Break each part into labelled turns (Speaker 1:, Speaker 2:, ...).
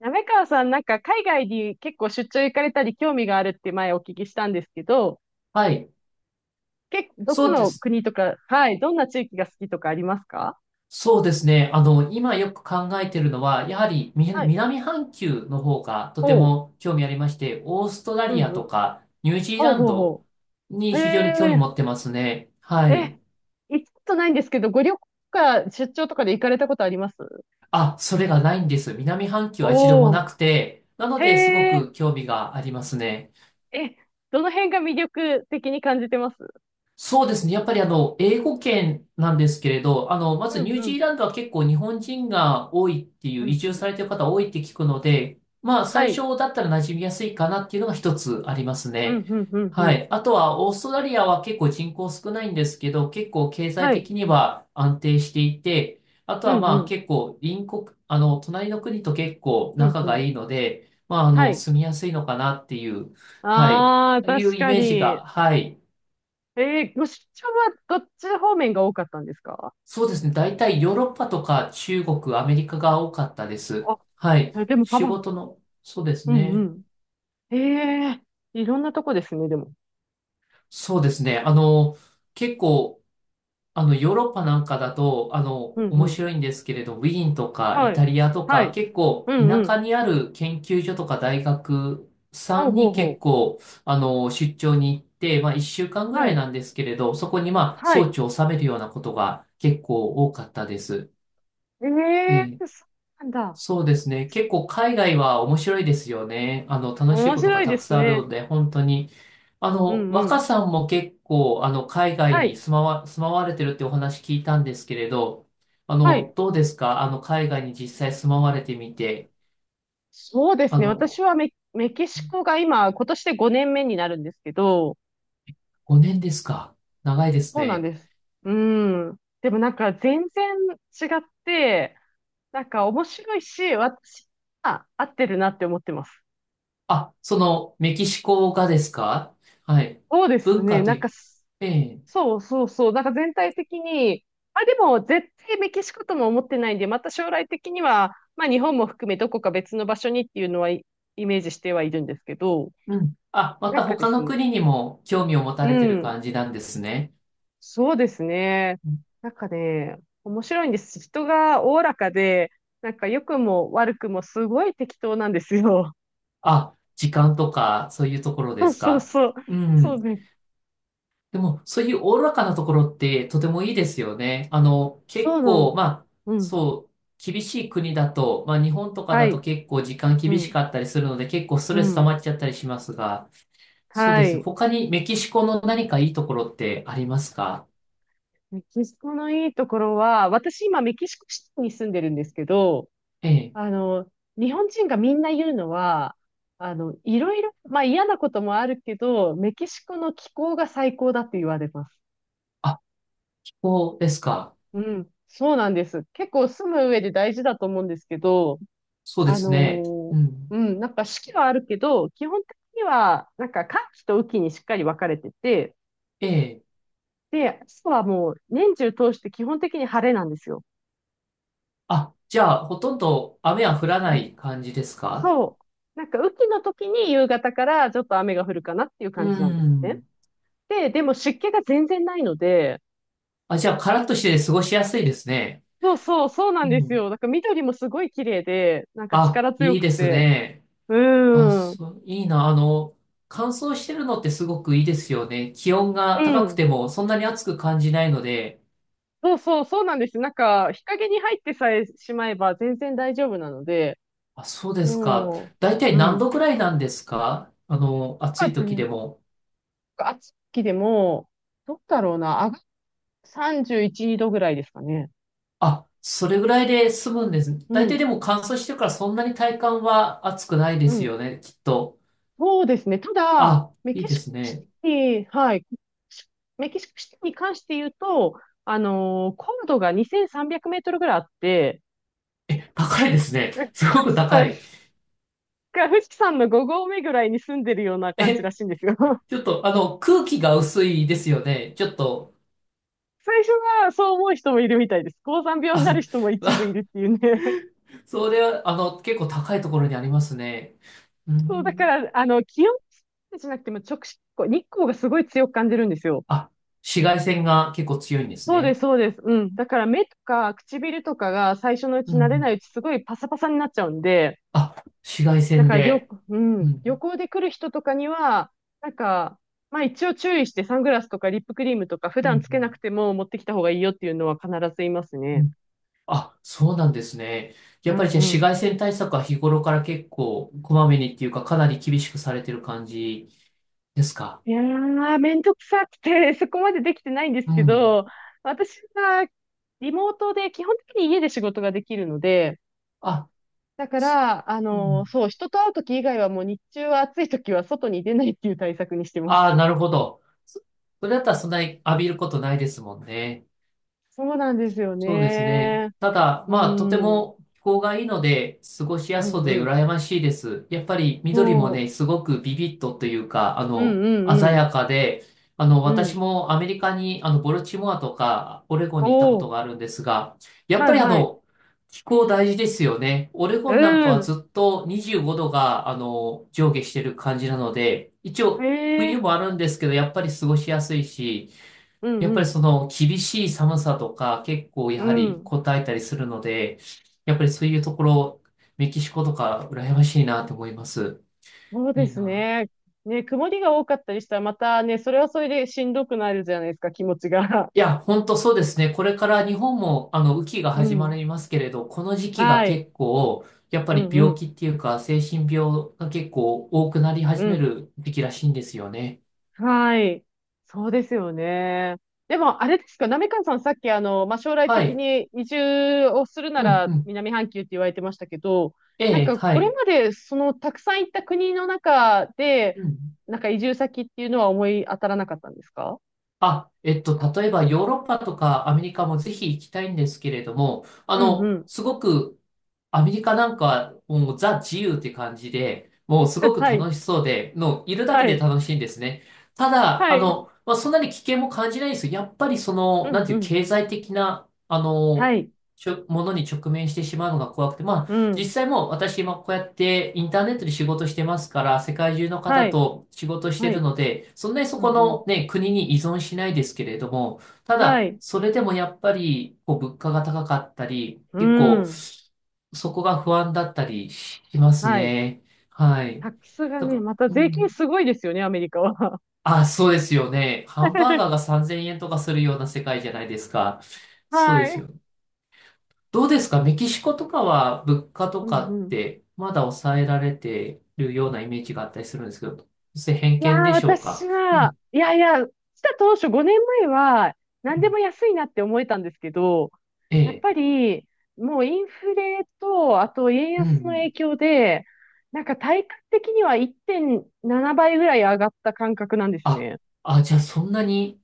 Speaker 1: 滑川さん、なんか海外に結構出張行かれたり興味があるって前お聞きしたんですけど、
Speaker 2: はい。
Speaker 1: どこ
Speaker 2: そうで
Speaker 1: の
Speaker 2: す。
Speaker 1: 国とか、はい、どんな地域が好きとかありますか？
Speaker 2: そうですね。今よく考えてるのは、やはり
Speaker 1: はい。
Speaker 2: 南半球の方がと
Speaker 1: ほ
Speaker 2: ても興味ありまして、オーストラ
Speaker 1: う。う
Speaker 2: リ
Speaker 1: ん
Speaker 2: アと
Speaker 1: うん。
Speaker 2: かニュージー
Speaker 1: ほう
Speaker 2: ラン
Speaker 1: ほう
Speaker 2: ド
Speaker 1: ほう。
Speaker 2: に
Speaker 1: へ
Speaker 2: 非常に興味
Speaker 1: え、
Speaker 2: 持ってますね。はい。
Speaker 1: え、行ったことないんですけど、ご旅行とか出張とかで行かれたことあります？
Speaker 2: あ、それがないんです。南半球は一度も
Speaker 1: おお
Speaker 2: なくて、なの
Speaker 1: ー、
Speaker 2: ですご
Speaker 1: へえ、
Speaker 2: く興味がありますね。
Speaker 1: え、どの辺が魅力的に感じてます？
Speaker 2: そうですね。やっぱり英語圏なんですけれど、まず
Speaker 1: うん
Speaker 2: ニュー
Speaker 1: う
Speaker 2: ジ
Speaker 1: ん、
Speaker 2: ーランドは結構日本人が多いってい
Speaker 1: う
Speaker 2: う、
Speaker 1: ん
Speaker 2: 移
Speaker 1: う
Speaker 2: 住
Speaker 1: ん。
Speaker 2: されてる方多いって聞くので、まあ、
Speaker 1: は
Speaker 2: 最
Speaker 1: い。
Speaker 2: 初だったら馴染みやすいかなっていうのが一つあります
Speaker 1: うん
Speaker 2: ね。
Speaker 1: うん、うんう
Speaker 2: は
Speaker 1: ん。
Speaker 2: い。あとは、オーストラリアは結構人口少ないんですけど、結構経
Speaker 1: は
Speaker 2: 済
Speaker 1: い。
Speaker 2: 的には安定していて、あと
Speaker 1: う
Speaker 2: は
Speaker 1: んう
Speaker 2: まあ
Speaker 1: ん、
Speaker 2: 結構隣国、隣の国と結構
Speaker 1: うん
Speaker 2: 仲
Speaker 1: う
Speaker 2: が
Speaker 1: ん。
Speaker 2: いいので、まあ、
Speaker 1: はい。
Speaker 2: 住みやすいのかなっていう、はい、
Speaker 1: ああ、
Speaker 2: いう
Speaker 1: 確
Speaker 2: イ
Speaker 1: か
Speaker 2: メージ
Speaker 1: に。
Speaker 2: が、はい。
Speaker 1: ご出張はどっち方面が多かったんですか？
Speaker 2: そうですね。大体ヨーロッパとか中国、アメリカが多かったです。
Speaker 1: あ、
Speaker 2: はい。
Speaker 1: えでもサ
Speaker 2: 仕
Speaker 1: バン。
Speaker 2: 事の、そうです
Speaker 1: うんう
Speaker 2: ね。
Speaker 1: ん。ええー、いろんなとこですね、でも。
Speaker 2: そうですね。結構、ヨーロッパなんかだと、
Speaker 1: うんう
Speaker 2: 面
Speaker 1: ん。
Speaker 2: 白いんですけれど、ウィーンとかイ
Speaker 1: は
Speaker 2: タ
Speaker 1: い。
Speaker 2: リアと
Speaker 1: は
Speaker 2: か、
Speaker 1: い。
Speaker 2: 結
Speaker 1: う
Speaker 2: 構、
Speaker 1: ん
Speaker 2: 田
Speaker 1: う
Speaker 2: 舎
Speaker 1: ん。
Speaker 2: にある研究所とか大学さ
Speaker 1: ほう
Speaker 2: ん
Speaker 1: ほう
Speaker 2: に結
Speaker 1: ほ
Speaker 2: 構、出張に行って、まあ、1週間
Speaker 1: う。
Speaker 2: ぐ
Speaker 1: は
Speaker 2: らい
Speaker 1: い。
Speaker 2: なんですけれど、そこに、まあ、
Speaker 1: は
Speaker 2: 装
Speaker 1: い。
Speaker 2: 置を収めるようなことが結構多かったです。
Speaker 1: ええ
Speaker 2: ええ、
Speaker 1: ー、そうなんだ。
Speaker 2: そうですね。結構海外は面白いですよね。楽しい
Speaker 1: 面
Speaker 2: ことが
Speaker 1: 白い
Speaker 2: た
Speaker 1: で
Speaker 2: く
Speaker 1: す
Speaker 2: さんあるの
Speaker 1: ね。
Speaker 2: で、本当に。
Speaker 1: うんう
Speaker 2: 若
Speaker 1: ん。
Speaker 2: さんも結構、海外
Speaker 1: は
Speaker 2: に
Speaker 1: い。
Speaker 2: 住まわれてるってお話聞いたんですけれど、
Speaker 1: はい。
Speaker 2: どうですか？海外に実際住まわれてみて、
Speaker 1: そうで
Speaker 2: あ
Speaker 1: すね。私
Speaker 2: の、
Speaker 1: はメキシコが今年で5年目になるんですけど、
Speaker 2: 5年ですか？長いです
Speaker 1: そうなん
Speaker 2: ね。
Speaker 1: です。うん。でもなんか全然違って、なんか面白いし、私は合ってるなって思ってます。
Speaker 2: あ、その、メキシコがですか？はい。
Speaker 1: そうです
Speaker 2: 文
Speaker 1: ね。
Speaker 2: 化と
Speaker 1: なん
Speaker 2: い
Speaker 1: か
Speaker 2: う、
Speaker 1: す、
Speaker 2: ええ、
Speaker 1: そうそうそう。なんか全体的に、あ、でも絶対メキシコとも思ってないんで、また将来的には、まあ日本も含めどこか別の場所にっていうのはイメージしてはいるんですけど、
Speaker 2: うん。あ、ま
Speaker 1: なん
Speaker 2: た
Speaker 1: かで
Speaker 2: 他
Speaker 1: す
Speaker 2: の国
Speaker 1: ね。
Speaker 2: にも興味を持た
Speaker 1: う
Speaker 2: れてる
Speaker 1: ん。
Speaker 2: 感じなんですね。
Speaker 1: そうですね。なんかね、面白いんです。人がおおらかで、なんか良くも悪くもすごい適当なんですよ。
Speaker 2: あ、時間とか、そういうところ で
Speaker 1: そう
Speaker 2: す
Speaker 1: そう
Speaker 2: か。
Speaker 1: そう。
Speaker 2: う
Speaker 1: そ
Speaker 2: ん。
Speaker 1: うね。
Speaker 2: でも、そういうおおらかなところって、とてもいいですよね。
Speaker 1: そ
Speaker 2: 結
Speaker 1: うなの。
Speaker 2: 構、まあ、
Speaker 1: うん。
Speaker 2: そう、厳しい国だと、まあ、日本とか
Speaker 1: は
Speaker 2: だと
Speaker 1: い。
Speaker 2: 結構時間
Speaker 1: う
Speaker 2: 厳し
Speaker 1: ん。
Speaker 2: かったりするので、結構スト
Speaker 1: う
Speaker 2: レス溜
Speaker 1: ん。
Speaker 2: まっちゃったりしますが、そう
Speaker 1: は
Speaker 2: ですね。
Speaker 1: い。
Speaker 2: 他にメキシコの何かいいところってありますか？
Speaker 1: メキシコのいいところは、私今メキシコシティに住んでるんですけど、
Speaker 2: ええ。
Speaker 1: あの、日本人がみんな言うのは、いろいろ、まあ嫌なこともあるけど、メキシコの気候が最高だって言われます。
Speaker 2: あ、気候ですか。
Speaker 1: うん、そうなんです。結構住む上で大事だと思うんですけど、
Speaker 2: そうで
Speaker 1: あの
Speaker 2: すね。
Speaker 1: ー
Speaker 2: うん。
Speaker 1: うん、なんか四季はあるけど、基本的には、なんか寒気と雨季にしっかり分かれてて、
Speaker 2: ええ。
Speaker 1: で、朝はもう年中通して基本的に晴れなんですよ。
Speaker 2: あ、じゃあ、ほとんど雨は降ら
Speaker 1: う
Speaker 2: な
Speaker 1: ん。
Speaker 2: い感じですか？
Speaker 1: そう。なんか雨季の時に夕方からちょっと雨が降るかなっていう
Speaker 2: う
Speaker 1: 感じなんですね。
Speaker 2: ん。
Speaker 1: でも湿気が全然ないので、
Speaker 2: あ、じゃあ、カラッとして過ごしやすいですね。
Speaker 1: そうそう、そうなん
Speaker 2: う
Speaker 1: です
Speaker 2: ん。
Speaker 1: よ。なんか緑もすごい綺麗で、なんか
Speaker 2: あ、
Speaker 1: 力強
Speaker 2: いい
Speaker 1: く
Speaker 2: です
Speaker 1: て、
Speaker 2: ね。
Speaker 1: う
Speaker 2: あ、
Speaker 1: ーん、
Speaker 2: そう、いいな。乾燥してるのってすごくいいですよね。気温
Speaker 1: う
Speaker 2: が高く
Speaker 1: ん。
Speaker 2: てもそんなに暑く感じないので。
Speaker 1: そうそう、そうなんです。なんか、日陰に入ってさえしまえば全然大丈夫なので、
Speaker 2: あ、そうですか。
Speaker 1: も
Speaker 2: だいた
Speaker 1: う、
Speaker 2: い
Speaker 1: う
Speaker 2: 何
Speaker 1: ん。
Speaker 2: 度くらいなんですか？暑
Speaker 1: なん
Speaker 2: い
Speaker 1: か
Speaker 2: 時で
Speaker 1: で、
Speaker 2: も。
Speaker 1: 暑きでも、どうだろうな、31度ぐらいですかね。
Speaker 2: あ、それぐらいで済むんです。
Speaker 1: う
Speaker 2: だいたい
Speaker 1: ん、
Speaker 2: でも乾燥してるからそんなに体感は暑くないで
Speaker 1: う
Speaker 2: す
Speaker 1: ん。
Speaker 2: よね、きっと。
Speaker 1: そうですね。ただ、
Speaker 2: あ、
Speaker 1: メ
Speaker 2: いい
Speaker 1: キ
Speaker 2: で
Speaker 1: シコ
Speaker 2: す
Speaker 1: シ
Speaker 2: ね。
Speaker 1: ティ、はい。メキシコシティに関して言うと、高度が2300メートルぐらいあって、
Speaker 2: え、高いですね。す ごく
Speaker 1: そ
Speaker 2: 高
Speaker 1: うで
Speaker 2: い。
Speaker 1: す、富士山の5合目ぐらいに住んでるような感じら
Speaker 2: え、
Speaker 1: しいんですよ。
Speaker 2: ちょっと、空気が薄いですよね。ちょっと、
Speaker 1: 最初はそう思う人もいるみたいです。高山病に
Speaker 2: あ、
Speaker 1: なる人も一部いる
Speaker 2: あ、
Speaker 1: っていうね。
Speaker 2: それは、結構高いところにありますね。う
Speaker 1: そう、だか
Speaker 2: ん。
Speaker 1: ら、気温じゃなくてもこう日光がすごい強く感じるんですよ。
Speaker 2: あ、紫外線が結構強いんです
Speaker 1: そうで
Speaker 2: ね。
Speaker 1: す、そうです。うん。だから目とか唇とかが最初のう
Speaker 2: う
Speaker 1: ち
Speaker 2: んう
Speaker 1: 慣れない
Speaker 2: ん。
Speaker 1: うちすごいパサパサになっちゃうんで、
Speaker 2: あ、紫外
Speaker 1: だ
Speaker 2: 線
Speaker 1: から旅、
Speaker 2: で。
Speaker 1: う
Speaker 2: う
Speaker 1: ん、旅
Speaker 2: ん。
Speaker 1: 行で来る人とかには、なんか、まあ一応注意してサングラスとかリップクリームとか普
Speaker 2: うん
Speaker 1: 段つ
Speaker 2: う
Speaker 1: けな
Speaker 2: ん
Speaker 1: くても持ってきた方がいいよっていうのは必ずいます
Speaker 2: う
Speaker 1: ね。
Speaker 2: ん。あ、そうなんですね。や
Speaker 1: う
Speaker 2: っぱりじゃあ
Speaker 1: んう
Speaker 2: 紫
Speaker 1: ん。
Speaker 2: 外線対策は日頃から結構こまめにっていうかかなり厳しくされてる感じですか。
Speaker 1: いやー、めんどくさくて、そこまでできてないんです
Speaker 2: う
Speaker 1: け
Speaker 2: ん。
Speaker 1: ど、私はリモートで基本的に家で仕事ができるので、
Speaker 2: あ、
Speaker 1: だから、
Speaker 2: うん。
Speaker 1: そう、人と会うとき以外はもう日中は暑いときは外に出ないっていう対策にしてま
Speaker 2: ああ、
Speaker 1: す。
Speaker 2: なるほど。そそれだったらそんなに浴びることないですもんね。
Speaker 1: そうなんですよ
Speaker 2: そうですね。
Speaker 1: ね。
Speaker 2: ただ、
Speaker 1: う
Speaker 2: まあ、とて
Speaker 1: ん、うん、
Speaker 2: も気候がいいので、過ごし
Speaker 1: う
Speaker 2: やすそうで
Speaker 1: ん。
Speaker 2: 羨ましいです。やっぱり緑も
Speaker 1: そ
Speaker 2: ね、すごくビビッとというか、
Speaker 1: う。うん、う
Speaker 2: 鮮
Speaker 1: ん、
Speaker 2: やかで、
Speaker 1: うん。う
Speaker 2: 私
Speaker 1: ん。
Speaker 2: もアメリカに、ボルチモアとか、オレゴンに行ったこ
Speaker 1: お
Speaker 2: と
Speaker 1: ー、
Speaker 2: があるんですが、やっ
Speaker 1: は
Speaker 2: ぱ
Speaker 1: い、
Speaker 2: り
Speaker 1: はい。
Speaker 2: 気候大事ですよね。オレゴンなんか
Speaker 1: う
Speaker 2: は
Speaker 1: ん。
Speaker 2: ずっと25度が、上下してる感じなので、一
Speaker 1: へ
Speaker 2: 応、冬
Speaker 1: え、
Speaker 2: もあるんですけど、やっぱり過ごしやすいし、
Speaker 1: うん、
Speaker 2: やっ
Speaker 1: う
Speaker 2: ぱり
Speaker 1: ん、
Speaker 2: その厳しい寒さとか結構
Speaker 1: う
Speaker 2: やはり
Speaker 1: ん。
Speaker 2: こたえたりするので、やっぱりそういうところ、メキシコとか羨ましいなと思います。
Speaker 1: そうで
Speaker 2: いい
Speaker 1: す
Speaker 2: な。
Speaker 1: ね。ね、曇りが多かったりしたら、またね、それはそれでしんどくなるじゃないですか、気持ちが。
Speaker 2: いや、本当そうですね。これから日本もあの雨季が
Speaker 1: う
Speaker 2: 始ま
Speaker 1: ん。
Speaker 2: りますけれど、この時期が
Speaker 1: はい。
Speaker 2: 結構、やっぱ
Speaker 1: う
Speaker 2: り
Speaker 1: ん、う
Speaker 2: 病気
Speaker 1: ん。
Speaker 2: っていうか精神病が結構多くなり
Speaker 1: う
Speaker 2: 始め
Speaker 1: ん。
Speaker 2: る時期らしいんですよね。
Speaker 1: はい。そうですよね。でも、あれですか、なめかんさん、さっき、まあ、将来
Speaker 2: は
Speaker 1: 的
Speaker 2: い。
Speaker 1: に移住をするな
Speaker 2: うんう
Speaker 1: ら
Speaker 2: ん。
Speaker 1: 南半球って言われてましたけど、
Speaker 2: え
Speaker 1: なん
Speaker 2: え、
Speaker 1: か、
Speaker 2: は
Speaker 1: これ
Speaker 2: い。
Speaker 1: まで、たくさん行った国の中で、
Speaker 2: うん。
Speaker 1: なんか移住先っていうのは思い当たらなかったんですか？
Speaker 2: あ、例えばヨーロッパとかアメリカもぜひ行きたいんですけれども、
Speaker 1: うん、うん。
Speaker 2: すごくアメリカなんかはもうザ自由って感じで、もうすご く
Speaker 1: はい。
Speaker 2: 楽しそうで、のいるだ
Speaker 1: は
Speaker 2: けで
Speaker 1: い。
Speaker 2: 楽しいんですね。ただ、
Speaker 1: はい。
Speaker 2: まあ、そんなに危険も感じないんですよ。やっぱりその、
Speaker 1: うん、
Speaker 2: なんて
Speaker 1: う
Speaker 2: いう
Speaker 1: ん。
Speaker 2: 経済的な、
Speaker 1: はい。
Speaker 2: ちょものに直面してしまうのが怖くて、まあ、
Speaker 1: う
Speaker 2: 実
Speaker 1: ん。
Speaker 2: 際もう私今こうやってインターネットで仕事してますから、世界中の
Speaker 1: は
Speaker 2: 方
Speaker 1: い。
Speaker 2: と仕事して
Speaker 1: は
Speaker 2: る
Speaker 1: い。
Speaker 2: ので、そんなにそ
Speaker 1: う
Speaker 2: こ
Speaker 1: ん、う
Speaker 2: の
Speaker 1: ん。
Speaker 2: ね、国に依存しないですけれども、た
Speaker 1: は
Speaker 2: だ、
Speaker 1: い。
Speaker 2: それでもやっぱり、こう、物価が高かったり、
Speaker 1: う
Speaker 2: 結構、
Speaker 1: ん。
Speaker 2: そこが不安だったりします
Speaker 1: はい。
Speaker 2: ね。は
Speaker 1: タ
Speaker 2: い。
Speaker 1: ックスが
Speaker 2: だ
Speaker 1: ね、
Speaker 2: か
Speaker 1: また
Speaker 2: ら、う
Speaker 1: 税金
Speaker 2: ん。
Speaker 1: すごいですよね、アメリカは。
Speaker 2: あ、そうですよね。ハンバーガーが 3000円とかするような世界じゃないですか。そう
Speaker 1: は
Speaker 2: です
Speaker 1: い。
Speaker 2: よ。どうですか？メキシコとかは物価と
Speaker 1: うん
Speaker 2: か
Speaker 1: う
Speaker 2: っ
Speaker 1: ん。
Speaker 2: てまだ抑えられてるようなイメージがあったりするんですけど、それ偏
Speaker 1: いや
Speaker 2: 見
Speaker 1: ー、
Speaker 2: でしょう
Speaker 1: 私
Speaker 2: か？う
Speaker 1: は、
Speaker 2: ん。
Speaker 1: いやいや、来た当初5年前は、何
Speaker 2: う
Speaker 1: でも
Speaker 2: ん、
Speaker 1: 安いなって思えたんですけど、
Speaker 2: え
Speaker 1: やっ
Speaker 2: え。
Speaker 1: ぱり、もうインフレと、あと円
Speaker 2: うんう
Speaker 1: 安の影
Speaker 2: ん。
Speaker 1: 響で、なんか体感的には1.7倍ぐらい上がった感覚なんです
Speaker 2: あ、
Speaker 1: ね。
Speaker 2: あ、じゃあそんなに、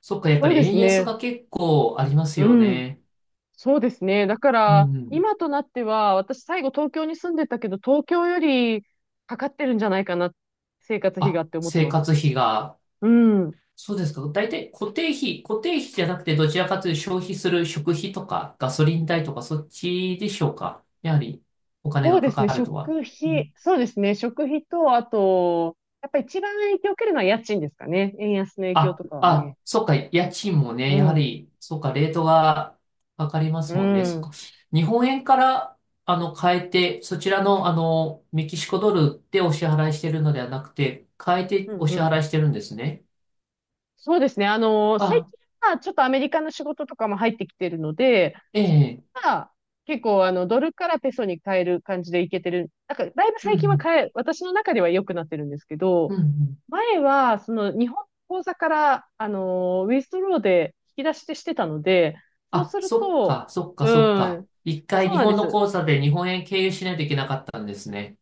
Speaker 2: そっか、やっぱ
Speaker 1: そう
Speaker 2: り
Speaker 1: で
Speaker 2: 円
Speaker 1: す
Speaker 2: 安
Speaker 1: ね。
Speaker 2: が結構あります
Speaker 1: う
Speaker 2: よ
Speaker 1: ん。
Speaker 2: ね。
Speaker 1: そうですね。だか
Speaker 2: う
Speaker 1: ら、
Speaker 2: んうん。
Speaker 1: 今となっては、私最後東京に住んでたけど、東京よりかかってるんじゃないかな、生活費
Speaker 2: あ、
Speaker 1: がって思って
Speaker 2: 生
Speaker 1: ます。
Speaker 2: 活費が。
Speaker 1: うん。
Speaker 2: そうですか。大体固定費、固定費じゃなくて、どちらかというと消費する食費とかガソリン代とかそっちでしょうか。やはりお金
Speaker 1: そ
Speaker 2: が
Speaker 1: うで
Speaker 2: か
Speaker 1: す
Speaker 2: か
Speaker 1: ね。
Speaker 2: るとは。
Speaker 1: 食
Speaker 2: う
Speaker 1: 費、
Speaker 2: ん。
Speaker 1: そうですね。食費と、あと、やっぱ一番影響を受けるのは家賃ですかね。円安の影響
Speaker 2: あ、
Speaker 1: とかはね。
Speaker 2: あ、そっか、家賃もね、
Speaker 1: う
Speaker 2: やは
Speaker 1: ん。
Speaker 2: り、そっか、レートがかかりま
Speaker 1: う
Speaker 2: すもんね。そっ
Speaker 1: ん。
Speaker 2: か。日本円から、変えて、そちらの、メキシコドルでお支払いしてるのではなくて、変え
Speaker 1: う
Speaker 2: て
Speaker 1: ん、
Speaker 2: お
Speaker 1: う
Speaker 2: 支
Speaker 1: ん、
Speaker 2: 払いしてるんですね。
Speaker 1: そうですね。最
Speaker 2: あ、
Speaker 1: 近はちょっとアメリカの仕事とかも入ってきてるので、
Speaker 2: ええ、
Speaker 1: まあ、結構ドルからペソに変える感じでいけてる。なんか、だいぶ
Speaker 2: う
Speaker 1: 最近は
Speaker 2: ん、
Speaker 1: 私の中では良くなってるんですけ
Speaker 2: う
Speaker 1: ど、
Speaker 2: ん、うん。
Speaker 1: 前は、日本の口座から、ウィストローで引き出してしてたので、そう
Speaker 2: あ、
Speaker 1: する
Speaker 2: そっ
Speaker 1: と、
Speaker 2: か、そっか、
Speaker 1: う
Speaker 2: そっか。
Speaker 1: ん、
Speaker 2: 一回
Speaker 1: そう
Speaker 2: 日
Speaker 1: なんで
Speaker 2: 本の
Speaker 1: す。
Speaker 2: 口座で日本円経由しないといけなかったんですね。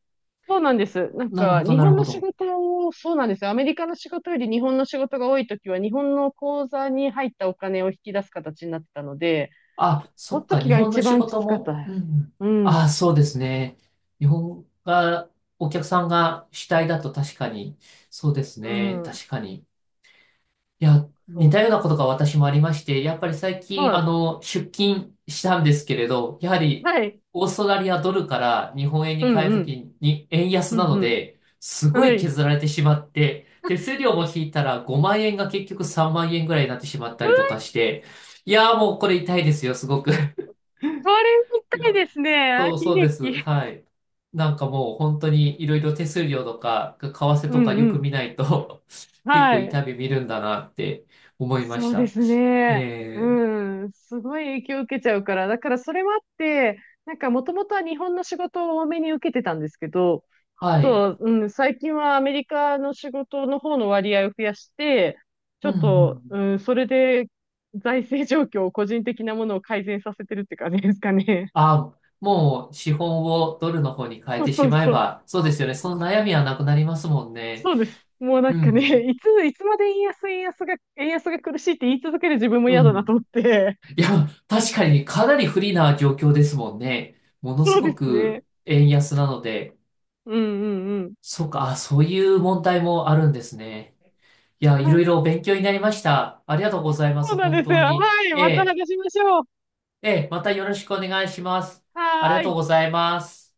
Speaker 1: そうなんです。なん
Speaker 2: なる
Speaker 1: か、
Speaker 2: ほど、
Speaker 1: 日
Speaker 2: な
Speaker 1: 本
Speaker 2: るほ
Speaker 1: の仕
Speaker 2: ど。
Speaker 1: 事を、そうなんです、アメリカの仕事より日本の仕事が多いときは、日本の口座に入ったお金を引き出す形になってたので、
Speaker 2: あ、
Speaker 1: そ
Speaker 2: そ
Speaker 1: の
Speaker 2: っか、
Speaker 1: 時
Speaker 2: 日
Speaker 1: が
Speaker 2: 本の
Speaker 1: 一
Speaker 2: 仕
Speaker 1: 番き
Speaker 2: 事
Speaker 1: つかった
Speaker 2: も、
Speaker 1: です。
Speaker 2: うん。
Speaker 1: う
Speaker 2: あ、
Speaker 1: ん。
Speaker 2: そうですね。日本が、お客さんが主体だと確かに、そうです
Speaker 1: う
Speaker 2: ね。
Speaker 1: ん。
Speaker 2: 確かに。いや、似
Speaker 1: そう
Speaker 2: た
Speaker 1: で
Speaker 2: ような
Speaker 1: す。
Speaker 2: ことが私もありまして、やっぱり最近、
Speaker 1: はい。
Speaker 2: 出勤したんですけれど、やはり、
Speaker 1: はい。
Speaker 2: オーストラリアドルから日本円
Speaker 1: う
Speaker 2: に
Speaker 1: ん
Speaker 2: 変える
Speaker 1: う
Speaker 2: とき
Speaker 1: ん。
Speaker 2: に、円安
Speaker 1: うん
Speaker 2: な
Speaker 1: う
Speaker 2: の
Speaker 1: ん。
Speaker 2: で、すご
Speaker 1: は
Speaker 2: い
Speaker 1: い。
Speaker 2: 削られてしまって、手数料も引いたら5万円が結局3万円ぐらいになってしまっ
Speaker 1: う
Speaker 2: たりと
Speaker 1: わ、
Speaker 2: かして、いやーもうこれ痛いですよ、すごく。
Speaker 1: それみ
Speaker 2: いや、
Speaker 1: たいですね。あ、悲
Speaker 2: そうです。
Speaker 1: 劇。
Speaker 2: はい。なんかもう本当にいろいろ手数料とか、為替
Speaker 1: う
Speaker 2: とか
Speaker 1: ん
Speaker 2: よ
Speaker 1: う
Speaker 2: く
Speaker 1: ん。
Speaker 2: 見ないと 結
Speaker 1: は
Speaker 2: 構
Speaker 1: い。
Speaker 2: 痛み見るんだなって思いま
Speaker 1: そ
Speaker 2: し
Speaker 1: うで
Speaker 2: た。
Speaker 1: すね。
Speaker 2: えー、
Speaker 1: うん。すごい影響を受けちゃうから。だからそれもあって、なんかもともとは日本の仕事を多めに受けてたんですけど、あ
Speaker 2: はい。
Speaker 1: と、うん、最近はアメリカの仕事の方の割合を増やして、ちょ
Speaker 2: うんう
Speaker 1: っと、
Speaker 2: ん。
Speaker 1: うん、それで財政状況を個人的なものを改善させてるって感じですかね。
Speaker 2: あ、もう資本をドルの方に変え
Speaker 1: そう
Speaker 2: て
Speaker 1: そ
Speaker 2: し
Speaker 1: う
Speaker 2: まえ
Speaker 1: そう。
Speaker 2: ば、そうですよね。その悩みはなくなりますもんね。
Speaker 1: そうです。もうな
Speaker 2: う
Speaker 1: んかね、
Speaker 2: ん。
Speaker 1: いつまで円安が苦しいって言い続ける自分も
Speaker 2: う
Speaker 1: 嫌だなと
Speaker 2: ん。
Speaker 1: 思って。
Speaker 2: いや、確かにねかなり不利な状況ですもんね。ものす
Speaker 1: そうで
Speaker 2: ご
Speaker 1: すね。
Speaker 2: く円安なので、
Speaker 1: うんうんう
Speaker 2: そうか、あ、そういう問題もあるんですね。いや、
Speaker 1: ん。
Speaker 2: い
Speaker 1: は
Speaker 2: ろい
Speaker 1: い。
Speaker 2: ろ勉強になりました。ありがとうございま
Speaker 1: そ
Speaker 2: す、
Speaker 1: うなん
Speaker 2: 本
Speaker 1: です
Speaker 2: 当
Speaker 1: よ。
Speaker 2: に。
Speaker 1: はい。
Speaker 2: え
Speaker 1: また話
Speaker 2: え、
Speaker 1: しましょう。
Speaker 2: ええ、またよろしくお願いします。あり
Speaker 1: は
Speaker 2: が
Speaker 1: ー
Speaker 2: とう
Speaker 1: い。
Speaker 2: ございます。